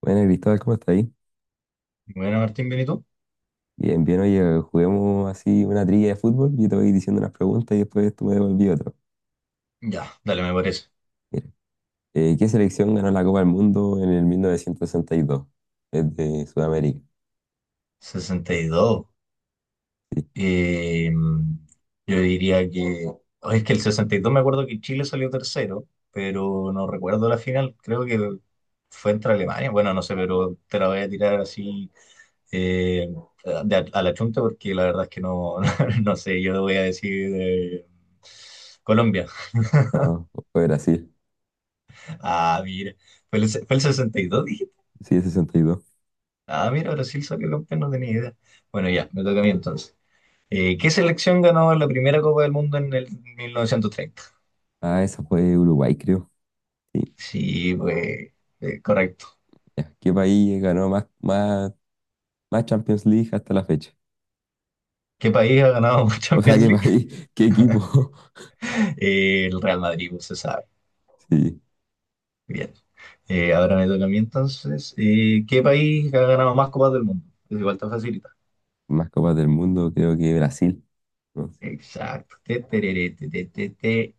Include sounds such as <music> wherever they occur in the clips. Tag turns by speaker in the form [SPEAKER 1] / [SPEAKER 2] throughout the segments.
[SPEAKER 1] Bueno, Cristóbal, ¿cómo estás ahí?
[SPEAKER 2] Bueno, Martín, ¿bien y tú?
[SPEAKER 1] Bien, bien, oye, juguemos así una trilla de fútbol. Yo te voy diciendo unas preguntas y después tú me devolví otro.
[SPEAKER 2] Ya, dale, me parece.
[SPEAKER 1] Mira, ¿qué selección ganó la Copa del Mundo en el 1962? Es de Sudamérica.
[SPEAKER 2] 62.
[SPEAKER 1] Sí,
[SPEAKER 2] Eh, yo diría que, oh, es que el 62 me acuerdo que Chile salió tercero, pero no recuerdo la final. Creo que fue entre Alemania. Bueno, no sé, pero te la voy a tirar así eh, a la chunta porque la verdad es que no, <laughs> no sé. Yo voy a decir Colombia. <laughs>
[SPEAKER 1] no, fue Brasil.
[SPEAKER 2] Ah, mira. ¿Fue el 62, dijiste?
[SPEAKER 1] Sí, es 62.
[SPEAKER 2] Ah, mira, Brasil salió campeón, no tenía idea. Bueno, ya, me toca a mí entonces. ¿Qué selección ganó la primera Copa del Mundo en el 1930?
[SPEAKER 1] Ah, esa fue Uruguay, creo. Sí,
[SPEAKER 2] Sí, pues, correcto.
[SPEAKER 1] ya. ¿Qué país ganó más Champions League hasta la fecha?
[SPEAKER 2] ¿Qué país ha ganado <laughs>
[SPEAKER 1] O sea,
[SPEAKER 2] Champions
[SPEAKER 1] ¿qué
[SPEAKER 2] League?
[SPEAKER 1] país? <laughs> ¿Qué equipo? <laughs>
[SPEAKER 2] El Real Madrid, pues, se sabe.
[SPEAKER 1] Sí,
[SPEAKER 2] Bien. Ahora me toca a mí entonces. ¿Qué país ha ganado más Copas del Mundo? Es igual tan facilita.
[SPEAKER 1] más Copas del Mundo, creo que Brasil. No sé.
[SPEAKER 2] Exacto. Te, tereré, te, te, te, te.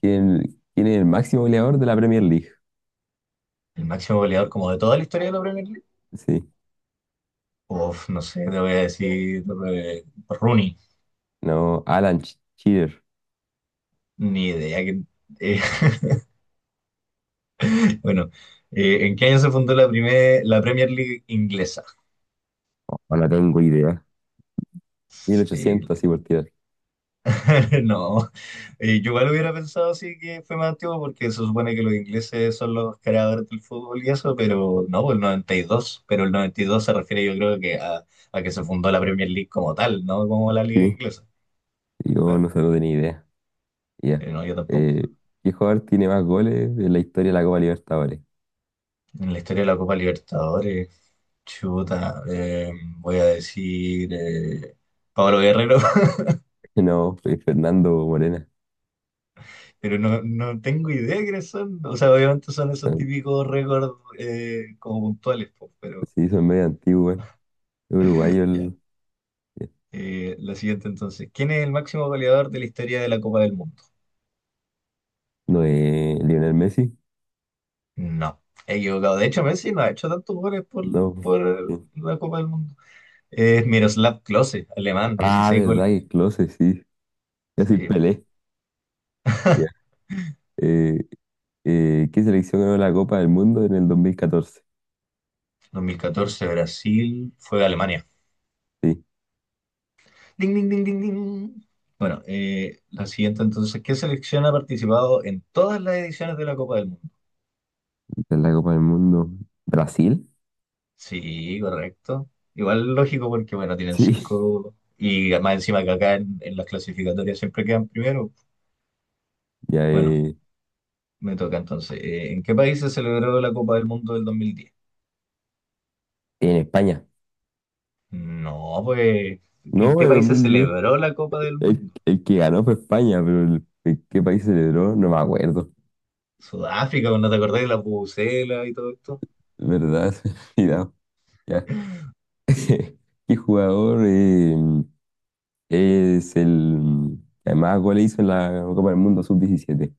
[SPEAKER 1] ¿Quién es el máximo goleador de la Premier League?
[SPEAKER 2] El máximo goleador como de toda la historia de la Premier League.
[SPEAKER 1] Sí.
[SPEAKER 2] Uf, no sé, te voy a decir Rooney.
[SPEAKER 1] No, Alan Ch- Cheater.
[SPEAKER 2] Ni idea que, eh, bueno, ¿en qué año se fundó la Premier League inglesa?
[SPEAKER 1] Oh, no tengo idea. Mil
[SPEAKER 2] Sí,
[SPEAKER 1] ochocientos así por tirar.
[SPEAKER 2] <laughs> no, yo igual hubiera pensado sí que fue más antiguo porque se supone que los ingleses son los creadores del fútbol y eso, pero no, pues el 92. Pero el 92 se refiere yo creo que a, que se fundó la Premier League como tal, no como la liga
[SPEAKER 1] Sí,
[SPEAKER 2] inglesa.
[SPEAKER 1] yo
[SPEAKER 2] Claro,
[SPEAKER 1] no sé, no tenía idea. Ya.
[SPEAKER 2] No, yo tampoco.
[SPEAKER 1] Eh, ¿Qué jugador tiene más goles en la historia de la Copa Libertadores? <laughs>
[SPEAKER 2] En la historia de la Copa Libertadores, chuta, voy a decir Pablo Guerrero.
[SPEAKER 1] No, fue Fernando Morena.
[SPEAKER 2] Pero no, no tengo idea de quiénes son. O sea, obviamente son esos típicos récords como puntuales, po, pero
[SPEAKER 1] Sí, hizo en medio antiguo, güey. Es Uruguayo
[SPEAKER 2] ya.
[SPEAKER 1] el- eh,
[SPEAKER 2] La siguiente entonces. ¿Quién es el máximo goleador de la historia de la Copa del Mundo?
[SPEAKER 1] No es Lionel Messi.
[SPEAKER 2] No, he equivocado. De hecho, Messi no ha hecho tantos goles por,
[SPEAKER 1] No.
[SPEAKER 2] por
[SPEAKER 1] Sí.
[SPEAKER 2] la Copa del Mundo. Es Miroslav Klose, alemán,
[SPEAKER 1] Ah,
[SPEAKER 2] 16
[SPEAKER 1] verdad
[SPEAKER 2] goles
[SPEAKER 1] que
[SPEAKER 2] tiene.
[SPEAKER 1] Klose, sí. Es decir,
[SPEAKER 2] Sí.
[SPEAKER 1] Pelé. Ya.
[SPEAKER 2] <laughs>
[SPEAKER 1] Eh, ¿Qué selección ganó la Copa del Mundo en el 2014?
[SPEAKER 2] 2014 Brasil, fue a Alemania.
[SPEAKER 1] Sí,
[SPEAKER 2] Ding, ding, ding, ding, ding. Bueno, la siguiente entonces. ¿Qué selección ha participado en todas las ediciones de la Copa del Mundo?
[SPEAKER 1] esta es la Copa del Mundo. ¿Brasil?
[SPEAKER 2] Sí, correcto. Igual lógico porque, bueno, tienen
[SPEAKER 1] Sí,
[SPEAKER 2] cinco y más encima que acá en las clasificatorias siempre quedan primero.
[SPEAKER 1] ya,
[SPEAKER 2] Bueno, me toca entonces. ¿En qué país se celebró la Copa del Mundo del 2010?
[SPEAKER 1] en España.
[SPEAKER 2] No, pues, ¿que ¿en
[SPEAKER 1] No,
[SPEAKER 2] qué
[SPEAKER 1] en dos
[SPEAKER 2] país se
[SPEAKER 1] mil diez
[SPEAKER 2] celebró la Copa del Mundo?
[SPEAKER 1] El que ganó fue España, pero el qué país celebró, no me acuerdo.
[SPEAKER 2] Sudáfrica, ¿no te acordás de la Pucela y todo esto?
[SPEAKER 1] ¿Verdad? <laughs> Se me ha olvidado. Ya. <laughs> ¿Qué jugador es el que más goles hizo en la Copa del Mundo sub diecisiete.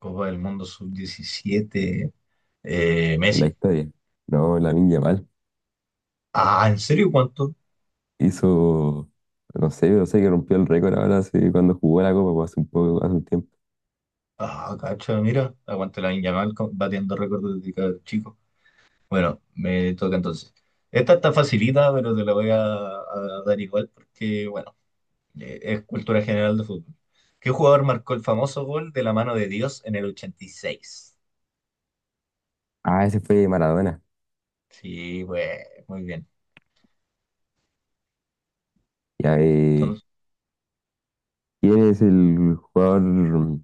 [SPEAKER 2] Copa del Mundo sub 17.
[SPEAKER 1] En la
[SPEAKER 2] Messi.
[SPEAKER 1] historia. No, Lamine Yamal.
[SPEAKER 2] Ah, ¿en serio cuánto?
[SPEAKER 1] Hizo, no sé, no sé que rompió el récord ahora hace- cuando jugó la Copa, pues, hace un poco, hace un tiempo.
[SPEAKER 2] Ah, cacha, mira, aguante la Yamal batiendo récords desde que era chico. Bueno, me toca entonces. Esta está facilita, pero te la voy a, dar igual porque, bueno, es cultura general de fútbol. ¿Qué jugador marcó el famoso gol de la mano de Dios en el 86?
[SPEAKER 1] Ah, ese fue Maradona.
[SPEAKER 2] Sí, pues, muy bien.
[SPEAKER 1] Ya,
[SPEAKER 2] Entonces,
[SPEAKER 1] ¿quién es el jugador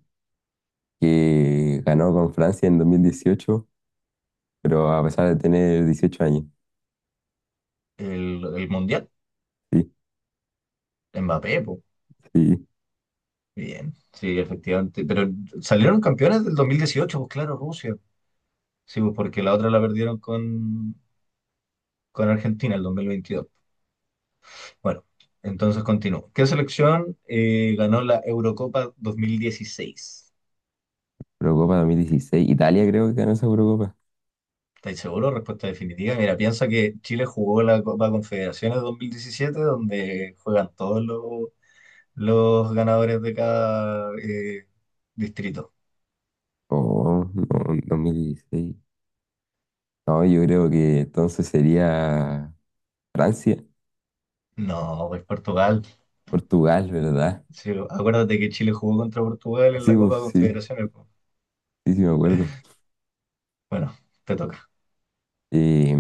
[SPEAKER 1] que ganó con Francia en 2018, pero a pesar de tener 18 años?
[SPEAKER 2] el Mundial,
[SPEAKER 1] Sí,
[SPEAKER 2] Mbappé, pues,
[SPEAKER 1] sí.
[SPEAKER 2] bien. Sí, efectivamente. Pero salieron campeones del 2018, pues claro, Rusia. Sí, pues porque la otra la perdieron con, Argentina el 2022. Bueno, entonces continúo. ¿Qué selección ganó la Eurocopa 2016?
[SPEAKER 1] Eurocopa 2016. Italia creo que ganó esa Eurocopa.
[SPEAKER 2] ¿Estáis seguros? Respuesta definitiva. Mira, piensa que Chile jugó la Copa Confederaciones 2017, donde juegan todos los ganadores de cada distrito.
[SPEAKER 1] Oh, no, 2016. No, yo creo que entonces sería Francia.
[SPEAKER 2] No, pues Portugal.
[SPEAKER 1] Portugal, ¿verdad?
[SPEAKER 2] Sí, acuérdate que Chile jugó contra Portugal en
[SPEAKER 1] Sí,
[SPEAKER 2] la
[SPEAKER 1] pues
[SPEAKER 2] Copa
[SPEAKER 1] sí,
[SPEAKER 2] Confederaciones, po.
[SPEAKER 1] sí, sí me acuerdo.
[SPEAKER 2] Bueno, te toca.
[SPEAKER 1] Eh,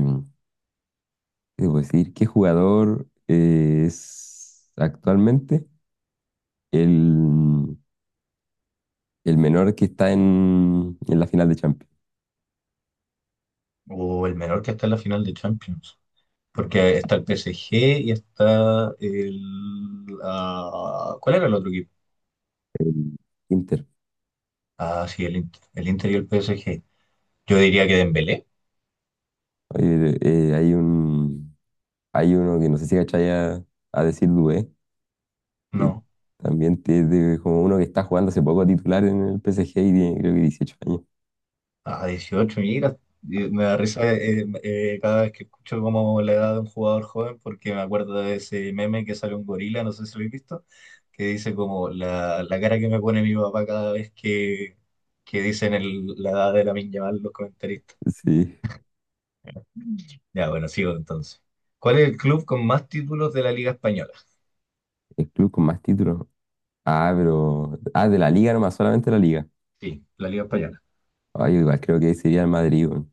[SPEAKER 1] ¿Qué debo decir? ¿Qué jugador es actualmente el, el menor que está en la final de Champions?
[SPEAKER 2] O el menor que está en la final de Champions. Porque está el PSG y está el, ah, ¿cuál era el otro equipo?
[SPEAKER 1] El Inter.
[SPEAKER 2] Ah, sí, el Inter. El Inter y el PSG. Yo diría que Dembélé.
[SPEAKER 1] Oye, hay uno que no sé si cachai a decir Dué, que
[SPEAKER 2] No.
[SPEAKER 1] también como uno que está jugando hace poco titular en el PSG y tiene creo que 18 años.
[SPEAKER 2] Ah, 18, mira. Me da risa cada vez que escucho como la edad de un jugador joven porque me acuerdo de ese meme que sale un gorila, no sé si lo habéis visto, que dice como la cara que me pone mi papá cada vez que dicen la edad de la Yamal los comentaristas.
[SPEAKER 1] Sí,
[SPEAKER 2] Ya, bueno, sigo entonces. ¿Cuál es el club con más títulos de la Liga Española?
[SPEAKER 1] el club con más títulos. Ah, pero ah, de la liga nomás, solamente la liga.
[SPEAKER 2] Sí, la Liga Española.
[SPEAKER 1] Ah, yo igual creo que sería el Madrid, weón.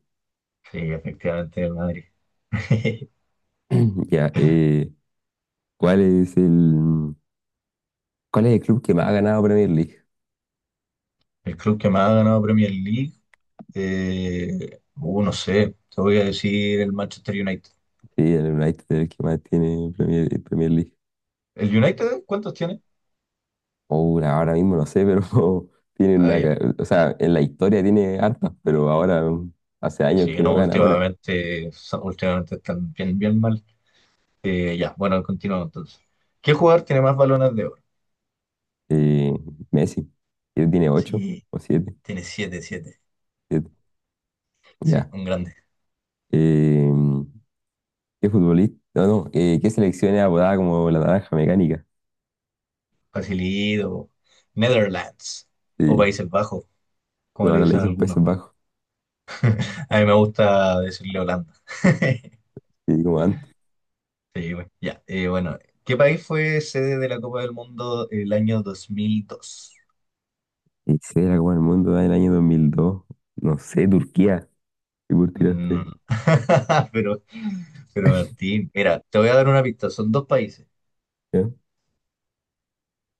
[SPEAKER 2] Sí, efectivamente, el Madrid. <laughs>
[SPEAKER 1] <clears throat> Ya, ¿cuál es el, ¿cuál es el club que más ha ganado Premier League?
[SPEAKER 2] El club que más ha ganado Premier League, no sé, te voy a decir el Manchester United.
[SPEAKER 1] Sí, el United es el que más tiene Premier League.
[SPEAKER 2] ¿El United, cuántos tiene?
[SPEAKER 1] Ahora, ahora mismo no sé, pero <laughs> tiene
[SPEAKER 2] Ah,
[SPEAKER 1] una,
[SPEAKER 2] ya.
[SPEAKER 1] ca- o sea, en la historia tiene hartas, pero ahora hace años
[SPEAKER 2] Sí,
[SPEAKER 1] que no
[SPEAKER 2] no,
[SPEAKER 1] gana una.
[SPEAKER 2] últimamente, últimamente están bien, bien mal. Ya, bueno, continuamos entonces. ¿Qué jugador tiene más balones de oro?
[SPEAKER 1] Eh, Messi, él tiene ocho
[SPEAKER 2] Sí,
[SPEAKER 1] o siete,
[SPEAKER 2] tiene siete, siete.
[SPEAKER 1] siete.
[SPEAKER 2] Sí,
[SPEAKER 1] Ya.
[SPEAKER 2] un grande.
[SPEAKER 1] Eh, ¿Qué futbolista? No, no, ¿qué selección era apodada como la naranja mecánica?
[SPEAKER 2] Facilido, Netherlands o
[SPEAKER 1] Sí,
[SPEAKER 2] Países Bajos, como
[SPEAKER 1] pero
[SPEAKER 2] le
[SPEAKER 1] ahora le
[SPEAKER 2] dicen
[SPEAKER 1] dicen
[SPEAKER 2] algunos.
[SPEAKER 1] Países Bajos,
[SPEAKER 2] A mí me gusta decirle Holanda. <laughs>
[SPEAKER 1] sí, como antes.
[SPEAKER 2] Sí, güey. Ya, bueno, ¿qué país fue sede de la Copa del Mundo el año 2002?
[SPEAKER 1] ¿Y se la Copa del Mundo en el año 2002? No sé, Turquía, ¿qué por
[SPEAKER 2] Mm, no,
[SPEAKER 1] tiraste?
[SPEAKER 2] no. <laughs> Pero, pero Martín, mira, te voy a dar una pista, son dos países,
[SPEAKER 1] ¿Ya? Dos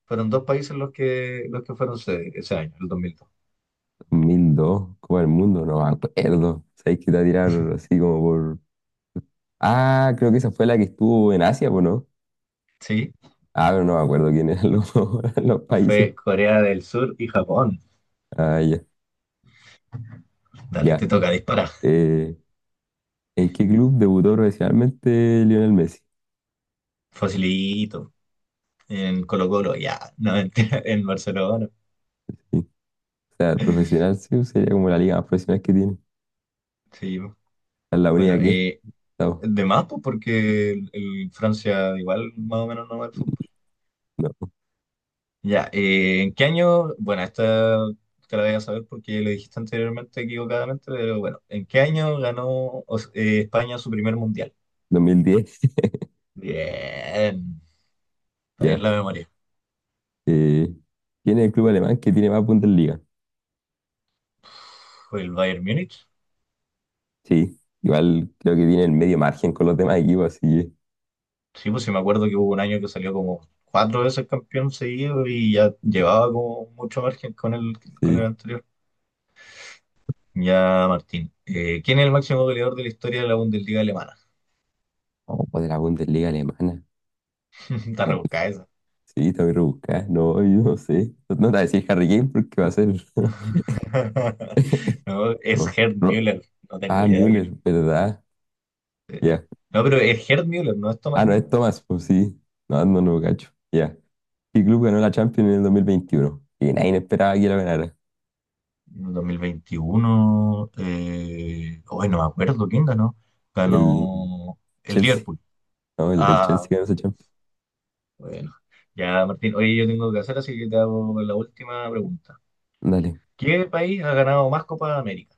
[SPEAKER 2] fueron dos países los que, fueron sede ese año, el 2002.
[SPEAKER 1] mil dos, Copa del Mundo, no me acuerdo. Sabéis que te va a tirar así como por. Ah, creo que esa fue la que estuvo en Asia, ¿o no?
[SPEAKER 2] Sí,
[SPEAKER 1] Ah, pero no me acuerdo quiénes eran los, <laughs> los países.
[SPEAKER 2] fue Corea del Sur y Japón.
[SPEAKER 1] Ah, ya,
[SPEAKER 2] Dale,
[SPEAKER 1] ya.
[SPEAKER 2] te toca disparar.
[SPEAKER 1] Eh, ¿En qué club debutó profesionalmente Lionel Messi?
[SPEAKER 2] Facilito, en Colo-Colo, ya, <laughs> no, mentira, en Barcelona.
[SPEAKER 1] Sí. O sea, profesional sí, sería como la liga más profesional que tiene.
[SPEAKER 2] Sí,
[SPEAKER 1] Es la
[SPEAKER 2] bueno,
[SPEAKER 1] única que no,
[SPEAKER 2] de más, pues, porque el Francia igual más o menos no va al fútbol.
[SPEAKER 1] <laughs> no,
[SPEAKER 2] Ya, ¿en qué año? Bueno, esta te la voy a saber porque lo dijiste anteriormente equivocadamente, pero bueno, ¿en qué año ganó España su primer mundial?
[SPEAKER 1] 2010.
[SPEAKER 2] Bien, está
[SPEAKER 1] Ya.
[SPEAKER 2] bien la memoria.
[SPEAKER 1] Eh, ¿Quién es el club alemán que tiene más puntos en liga?
[SPEAKER 2] ¿Fue el Bayern Múnich?
[SPEAKER 1] Sí, igual creo que tiene el medio margen con los demás equipos, así que
[SPEAKER 2] Sí, pues sí me acuerdo que hubo un año que salió como cuatro veces campeón seguido y ya llevaba como mucho margen con el, con
[SPEAKER 1] sí.
[SPEAKER 2] el anterior. Ya, Martín. ¿Quién es el máximo goleador de la historia de la Bundesliga alemana?
[SPEAKER 1] ¿Cómo puede la Bundesliga alemana?
[SPEAKER 2] <laughs> Está rebuscada esa.
[SPEAKER 1] Sí, te voy a rebuscar. No, yo no sé. No te voy a decir Harry Kane porque va a ser. <laughs>
[SPEAKER 2] <laughs> No, es
[SPEAKER 1] No,
[SPEAKER 2] Gerd
[SPEAKER 1] no.
[SPEAKER 2] Müller. No tengo
[SPEAKER 1] Ah,
[SPEAKER 2] idea.
[SPEAKER 1] Müller, ¿verdad?
[SPEAKER 2] Eh,
[SPEAKER 1] Ya.
[SPEAKER 2] No, pero es Gerd Müller, no es Thomas
[SPEAKER 1] Ah, no,
[SPEAKER 2] Müller.
[SPEAKER 1] es Thomas, pues sí. No, no, no, cacho. Ya. ¿Qué club ganó la Champions en el 2021 y nadie esperaba que la ganara?
[SPEAKER 2] En 2021, hoy no me acuerdo quién ganó.
[SPEAKER 1] El
[SPEAKER 2] Ganó el
[SPEAKER 1] Chelsea.
[SPEAKER 2] Liverpool.
[SPEAKER 1] No, el Chelsea
[SPEAKER 2] Ah,
[SPEAKER 1] ganó esa
[SPEAKER 2] sí,
[SPEAKER 1] Champions.
[SPEAKER 2] bueno. Ya, Martín, oye, yo tengo que hacer, así que te hago la última pregunta.
[SPEAKER 1] Dale.
[SPEAKER 2] ¿Qué país ha ganado más Copa de América?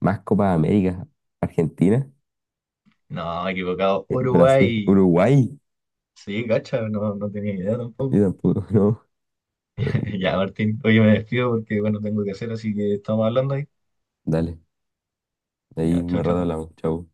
[SPEAKER 1] Más Copa América. Argentina.
[SPEAKER 2] No, equivocado.
[SPEAKER 1] Brasil.
[SPEAKER 2] Uruguay.
[SPEAKER 1] Uruguay.
[SPEAKER 2] Sí, cacha, no, no tenía idea
[SPEAKER 1] Yo
[SPEAKER 2] tampoco.
[SPEAKER 1] tampoco, <laughs> no.
[SPEAKER 2] <laughs> Ya, Martín, oye, me despido porque, bueno, tengo que hacer, así que estamos hablando ahí.
[SPEAKER 1] Dale. Ahí
[SPEAKER 2] Ya, chao,
[SPEAKER 1] más rato
[SPEAKER 2] chao.
[SPEAKER 1] hablamos. Chau.